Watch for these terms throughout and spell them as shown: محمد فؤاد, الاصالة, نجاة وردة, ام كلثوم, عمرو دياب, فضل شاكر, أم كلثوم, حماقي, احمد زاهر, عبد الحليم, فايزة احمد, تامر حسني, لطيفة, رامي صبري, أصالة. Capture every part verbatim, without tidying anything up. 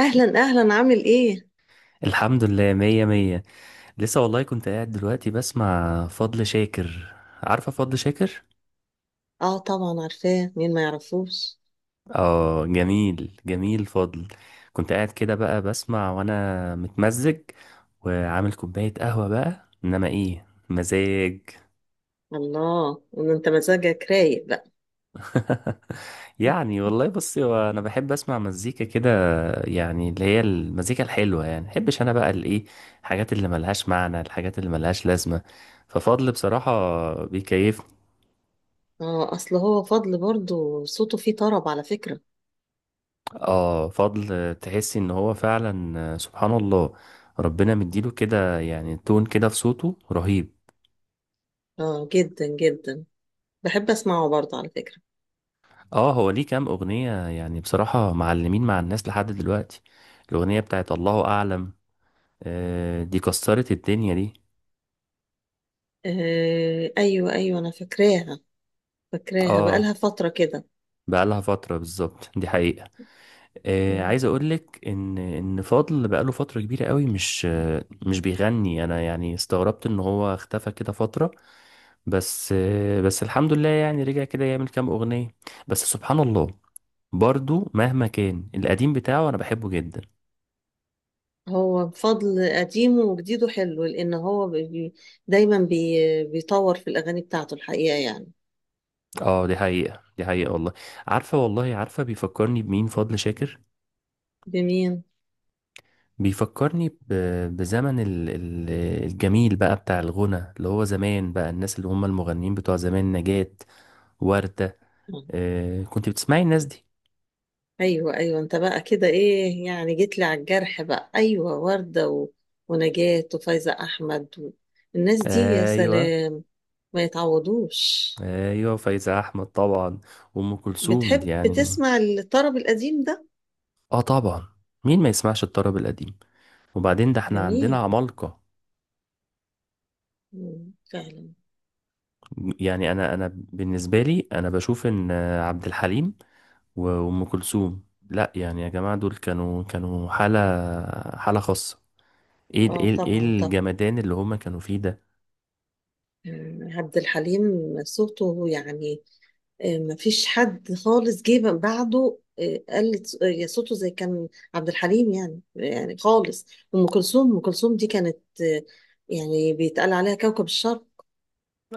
اهلا اهلا، عامل ايه؟ الحمد لله، مية مية. لسه والله كنت قاعد دلوقتي بسمع فضل شاكر. عارفة فضل شاكر؟ اه، طبعا عارفاه، مين ما يعرفوش؟ اه، جميل جميل فضل. كنت قاعد كده بقى بسمع وانا متمزج، وعامل كوباية قهوة بقى، انما ايه مزاج! الله، ان انت مزاجك رايق بقى. يعني والله بصي، هو انا بحب اسمع مزيكا كده. يعني اللي هي المزيكا الحلوة، يعني محبش انا بقى الايه، الحاجات اللي ملهاش معنى، الحاجات اللي ملهاش لازمة. ففضل بصراحة بيكيفني. اه، اصل هو فضل برضو صوته فيه طرب على فكرة. اه فضل، تحسي ان هو فعلا آه، سبحان الله، ربنا مديله كده يعني تون كده في صوته رهيب. اه، جدا جدا. بحب اسمعه برضو على فكرة. اه، هو ليه كام اغنية يعني بصراحة معلمين مع الناس لحد دلوقتي. الاغنية بتاعت الله اعلم، آه دي كسرت الدنيا دي. آه، ايوه ايوه، انا فاكراها. فاكراها اه، بقالها فترة كده. بقالها فترة بالظبط، دي حقيقة. آه مم. عايز اقولك ان ان فضل بقاله فترة كبيرة قوي، مش آه مش بيغني، انا يعني استغربت ان هو اختفى كده فترة. بس بس الحمد لله يعني رجع كده يعمل كام أغنية. بس سبحان الله، برضو مهما كان القديم بتاعه أنا بحبه جدا. هو فضل قديمه وجديده حلو لان هو بي دايما بي بيطور في الاغاني بتاعته الحقيقة يعني. اه دي حقيقة، دي حقيقة والله. عارفة، والله عارفة بيفكرني بمين فضل شاكر؟ بمين؟ بيفكرني ب- بزمن ال- ال- الجميل بقى بتاع الغنى، اللي هو زمان بقى، الناس اللي هم المغنيين بتوع زمان، نجاة، وردة. آه. آه، كنت بتسمعي الناس دي؟ ايوه ايوه، انت بقى كده ايه يعني، جيت لي على الجرح بقى، ايوه ورده و... ونجاة وفايزه احمد و... الناس دي يا ايوه، سلام. ما يتعوضوش. ايوه فايزة احمد طبعا، وام كلثوم دي بتحب يعني. تسمع الطرب القديم ده؟ اه طبعا، مين ما يسمعش الطرب القديم؟ وبعدين ده احنا عندنا جميل. عمالقة. مم، فعلا. يعني انا انا بالنسبة لي، انا بشوف ان عبد الحليم و- وام كلثوم، لا يعني يا جماعة، دول كانوا كانوا حالة، حالة خاصة. ايه ال- اه، ايه ال- ايه طبعا طبعا. الجمدان اللي هما كانوا فيه ده. مم، عبد الحليم. صوته يعني. آه، مفيش حد خالص جه بعده، آه، قال ص- آه، صوته زي كان. عبد الحليم يعني يعني خالص. ام كلثوم، ام كلثوم دي كانت، آه، يعني بيتقال عليها كوكب الشرق.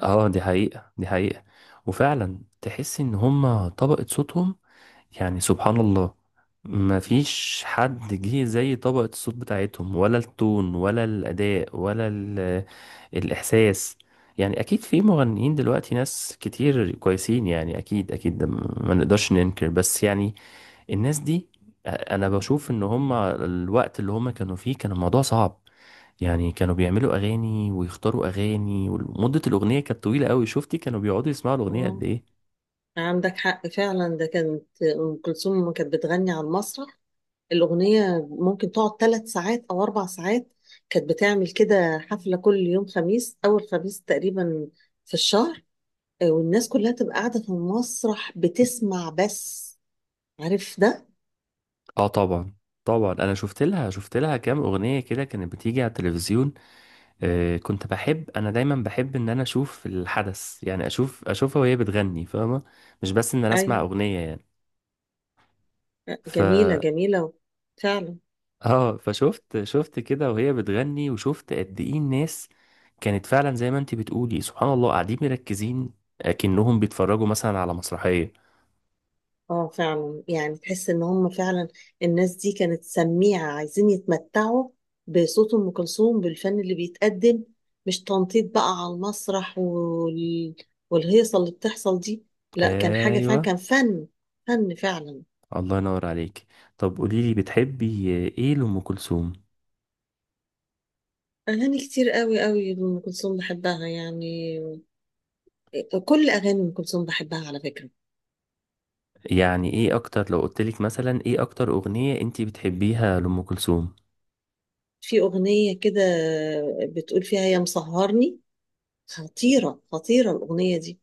اه دي حقيقة، دي حقيقة. وفعلا تحس ان هما طبقة صوتهم، يعني سبحان الله، ما فيش حد جه زي طبقة الصوت بتاعتهم، ولا التون، ولا الأداء، ولا ال- الإحساس. يعني أكيد في مغنيين دلوقتي، ناس كتير كويسين، يعني أكيد أكيد ده ما نقدرش ننكر. بس يعني الناس دي، أنا بشوف إن هما الوقت اللي هما كانوا فيه كان الموضوع صعب. يعني كانوا بيعملوا أغاني ويختاروا أغاني، ومدة الأغنية كانت طويلة أوي، شفتي كانوا بيقعدوا يسمعوا الأغنية قد آه، إيه؟ عندك حق فعلا، ده كانت ام كلثوم لما كانت بتغني على المسرح، الاغنيه ممكن تقعد ثلاث ساعات او اربع ساعات. كانت بتعمل كده حفله كل يوم خميس، اول خميس تقريبا في الشهر. آه، والناس كلها تبقى قاعده في المسرح بتسمع بس. عارف ده؟ اه طبعا طبعا. انا شفت لها شفت لها كام اغنيه كده كانت بتيجي على التلفزيون. آه كنت بحب، انا دايما بحب ان انا اشوف الحدث، يعني اشوف اشوفها وهي بتغني، فاهمه؟ مش بس ان انا اسمع ايوه. اغنيه يعني. ف جميلة جميلة، فعلا. اه فشفت شفت كده وهي بتغني، وشفت قد ايه الناس كانت فعلا زي ما انت بتقولي سبحان الله قاعدين مركزين، اكنهم بيتفرجوا مثلا على مسرحيه. اه، فعلا يعني تحس ان هم فعلا الناس دي كانت سميعة، عايزين يتمتعوا بصوت ام كلثوم، بالفن اللي بيتقدم، مش تنطيط بقى على المسرح وال... والهيصة اللي بتحصل دي. لا، كان حاجة فعلا، ايوه. كان فن، فن فعلا. الله ينور عليك. طب قولي لي، بتحبي ايه لأم كلثوم؟ اغاني كتير قوي قوي، ام كلثوم بحبها يعني. كل اغاني ام كلثوم بحبها على فكرة. يعني ايه اكتر، لو قلتلك مثلا، ايه اكتر اغنية انتي بتحبيها لأم كلثوم؟ في اغنية كده بتقول فيها يا مسهرني، خطيرة خطيرة الأغنية دي.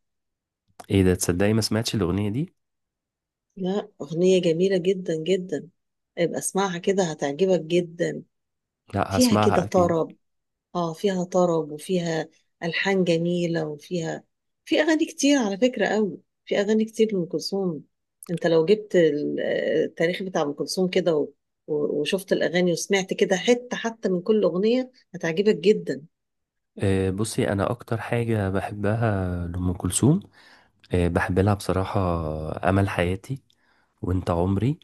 ايه ده، تصدقي ما سمعتش الاغنية دي. لا، أغنية جميلة جدا جدا. ابقى اسمعها كده، هتعجبك جدا. لا فيها هسمعها كده اكيد. طرب. اه، فيها طرب، وفيها ألحان جميلة، وفيها، في أغاني كتير على فكرة قوي. في أغاني كتير لأم كلثوم. انت لو جبت ال- آه، التاريخ بتاع أم كلثوم كده و- و- وشفت الأغاني، وسمعت كده حتة حتى من كل أغنية، هتعجبك جدا. أه بصي، انا اكتر حاجة بحبها لأم كلثوم، أه بحب لها بصراحة امل حياتي وانت عمري.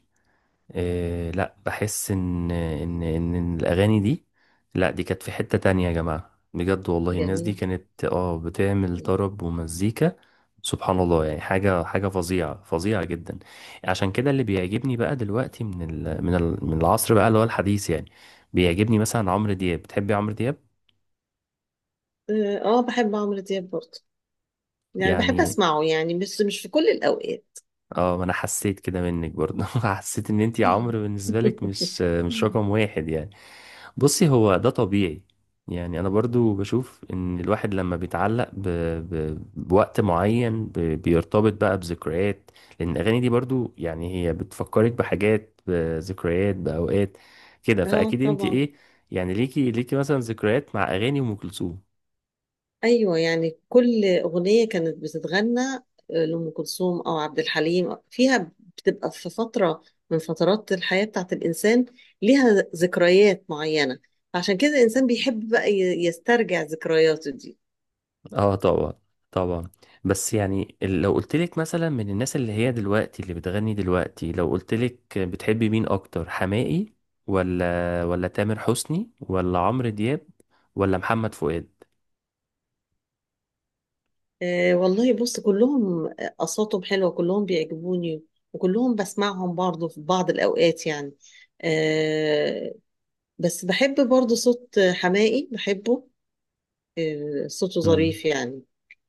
إيه، لا بحس ان ان ان الاغاني دي، لا دي كانت في حتة تانية يا جماعة، بجد والله الناس دي جميل. كانت اه بتعمل مم. طرب ومزيكا. سبحان الله يعني، حاجة حاجة فظيعة فظيعة جدا. عشان كده اللي بيعجبني بقى دلوقتي من ال من ال من العصر بقى اللي هو الحديث يعني. بيعجبني مثلا عمرو دياب، بتحبي عمرو دياب؟ اه، آه، بحب عمرو دياب برضه، يعني بحب يعني أسمعه يعني، بس مش في كل الأوقات. اه، ما انا حسيت كده منك برضه. حسيت ان انتي عمرو بالنسبة لك مش مش رقم واحد يعني. بصي هو ده طبيعي. يعني انا برضو بشوف ان الواحد لما بيتعلق ب... ب... بوقت معين، ب... بيرتبط بقى بذكريات. لان الاغاني دي برضو يعني هي بتفكرك بحاجات بذكريات باوقات كده، اه، فاكيد انت طبعا. ايه. يعني ليكي ليكي مثلا ذكريات مع اغاني ام كلثوم؟ ايوه، يعني كل اغنيه كانت بتتغنى، آه، لام كلثوم او عبد الحليم، فيها بتبقى في فتره من فترات الحياه بتاعت الانسان، ليها ذكريات معينه. عشان كده الانسان بيحب بقى ي- يسترجع ذكرياته دي. اه طبعا، طبعا. بس يعني ال- لو قلت لك مثلا من الناس اللي هي دلوقتي اللي بتغني دلوقتي، لو قلت لك بتحبي مين اكتر، حماقي ولا ولا تامر حسني ولا عمرو دياب ولا محمد فؤاد؟ آه والله، بص، كلهم اصواتهم حلوه، كلهم بيعجبوني، وكلهم بسمعهم برضه في بعض الاوقات يعني. آه. بس بحب برضه صوت حماقي، بحبه. آه صوته امم ظريف يعني.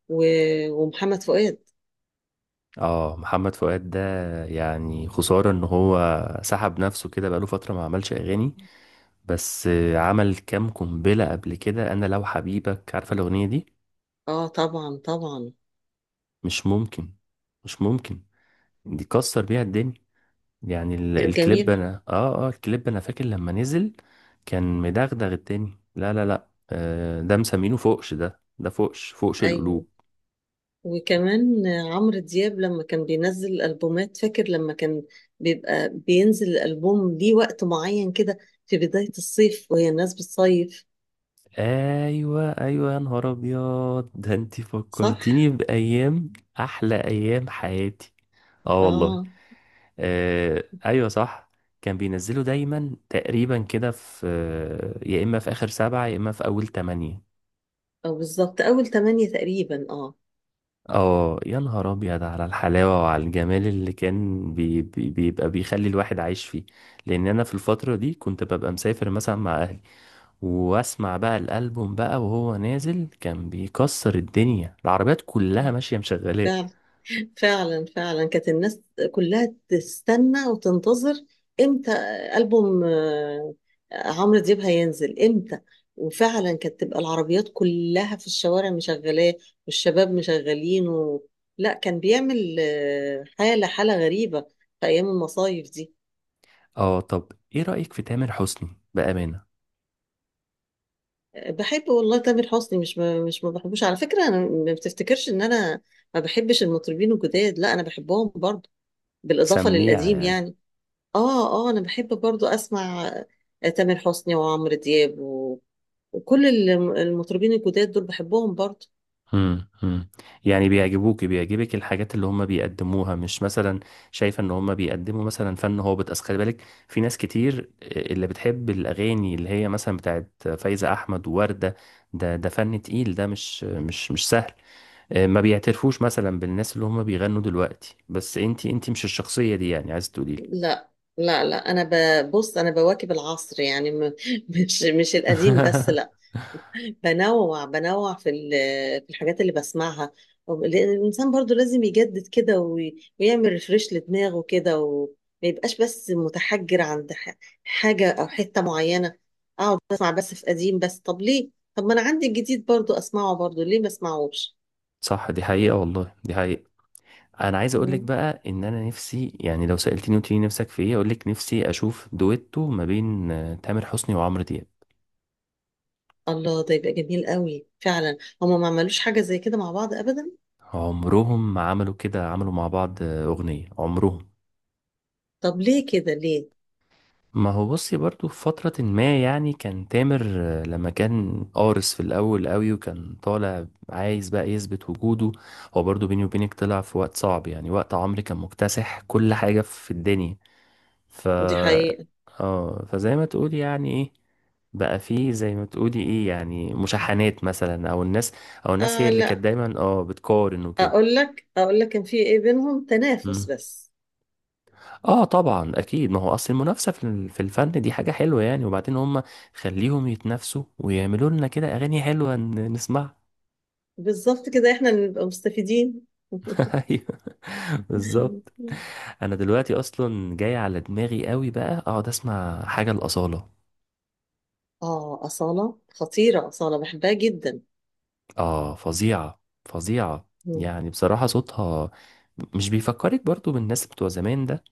و- ومحمد فؤاد. اه، محمد فؤاد ده يعني خسارة ان هو سحب نفسه كده بقاله فترة ما عملش اغاني. بس عمل كام قنبلة قبل كده، انا لو حبيبك، عارفة الاغنية دي؟ اه، طبعا طبعا. مش ممكن، مش ممكن، دي كسر بيها الدنيا. يعني ال- كانت الكليب جميلة. انا اه اه الكليب انا فاكر لما نزل. كان مدغدغ التاني، لا لا لا، آه ده مسمينه فوقش ده ده فوقش فوقش ايوه، القلوب. وكمان عمرو دياب لما كان بينزل البومات، فاكر لما كان بيبقى بينزل الالبوم ليه وقت معين كده، في بداية الصيف وهي الناس بتصيف. ايوه، ايوه يا نهار ابيض ده، انت صح. فكرتيني بايام احلى ايام حياتي، اه والله. اه آه ايوه صح. كان بينزله دايما تقريبا كده في آه، يا اما في اخر سبعة، يا اما في اول تمانية. اه، بالظبط اول تمانية تقريبا، اه. اه، يا نهار ابيض على الحلاوه وعلى الجمال اللي كان بي بي بيبقى بيخلي الواحد عايش فيه. لان انا في الفتره دي كنت ببقى مسافر مثلا مع اهلي، واسمع بقى الالبوم بقى وهو نازل، كان بيكسر الدنيا، العربيات كلها ماشيه مشغلاه. فعلا، فعلا فعلا. كانت الناس كلها تستنى وتنتظر امتى ألبوم آه، عمرو دياب هينزل، امتى. وفعلا كانت تبقى العربيات كلها في الشوارع مشغلاه، والشباب مشغلين و... لا، كان بيعمل آه، حالة، حالة غريبة في أيام المصايف دي. اه، طب ايه رايك في تامر حسني، بامانه؟ آه، بحب والله تامر حسني، مش ما مش ما بحبوش على فكرة. أنا ما بتفتكرش إن أنا ما بحبش المطربين الجداد، لا أنا بحبهم برضه، بالإضافة سميع للقديم يعني؟ يعني. اه اه، انا بحب برضو اسمع تامر حسني وعمرو دياب و... وكل الم- المطربين الجداد دول بحبهم برضو. امم امم يعني بيعجبوك، بيعجبك الحاجات اللي هم بيقدموها، مش مثلا شايفه ان هم بيقدموا مثلا فن هابط؟ اصل خلي بالك، في ناس كتير اللي بتحب الاغاني اللي هي مثلا بتاعت فايزة احمد ووردة. ده ده فن تقيل، ده مش مش مش سهل. آه، ما بيعترفوش مثلا بالناس اللي هم بيغنوا دلوقتي، بس انتي انتي مش الشخصية دي يعني عايز تقولي؟ لا لا لا، انا ببص، انا بواكب العصر يعني، م... مش مش القديم بس، لا. بنوع بنوع في ال... في الحاجات اللي بسمعها، لان الانسان برضو لازم يجدد كده وي... ويعمل ريفريش لدماغه كده، وما يبقاش بس متحجر عند ح... حاجة او حتة معينة. اه، بسمع بس في قديم بس، طب ليه؟ طب ما انا عندي الجديد برضو اسمعه برضو، ليه ما اسمعوش؟ صح دي حقيقة والله، دي حقيقة. انا عايز اقول لك مم. بقى ان انا نفسي، يعني لو سالتني قلت لي نفسك في ايه، اقول لك نفسي اشوف دويتو ما بين آه، تامر حسني وعمرو دياب. الله، ده يبقى جميل قوي فعلا. هما ما عملوش حاجة زي كده مع بعض ابدا. عمرهم ما عملوا كده، عملوا مع بعض آه، اغنيه عمرهم. طب ليه كده، ليه؟ ما هو بصي برضو في فترة، ما يعني كان تامر آه، لما كان قارس في الأول قوي، وكان طالع عايز بقى يثبت وجوده. هو برضو بيني وبينك طلع في وقت صعب، يعني وقت عمرو كان مكتسح كل حاجة في الدنيا. ف دي حقيقة. اه فزي ما تقولي يعني ايه، بقى فيه زي ما تقولي ايه يعني مشاحنات مثلا، او الناس او الناس هي آه اللي لا، كانت دايما اه بتقارن وكده. اقول لك اقول لك كان في ايه، بينهم تنافس مم. بس. اه طبعا اكيد، ما هو اصل المنافسه في ال- في الفن دي حاجه حلوه يعني. وبعدين هم خليهم يتنافسوا ويعملوا لنا كده اغاني حلوه، ن- نسمعها. بالظبط، كده احنا اللي نبقى مستفيدين. ايوه بالظبط. انا دلوقتي اصلا جاي على دماغي قوي بقى اقعد اسمع حاجه الاصاله. اه، أصالة خطيرة، أصالة بحبها جدا. اه فظيعة فظيعة. مم. يعني بصراحة صوتها مش بيفكرك برضو بالناس بتوع زمان ده؟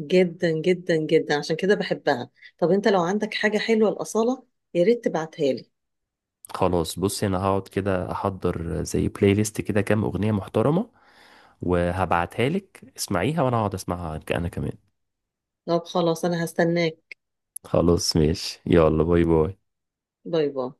جدا جدا جدا، عشان كده بحبها. طب انت لو عندك حاجة حلوة لأصالة، يا ريت تبعتها لي. خلاص بصي، انا هقعد كده احضر زي بلاي ليست كده كام اغنية محترمة، وهبعتها لك اسمعيها، وانا هقعد اسمعها انا كمان. طب خلاص، انا هستناك. خلاص ماشي، يلا باي باي. باي باي.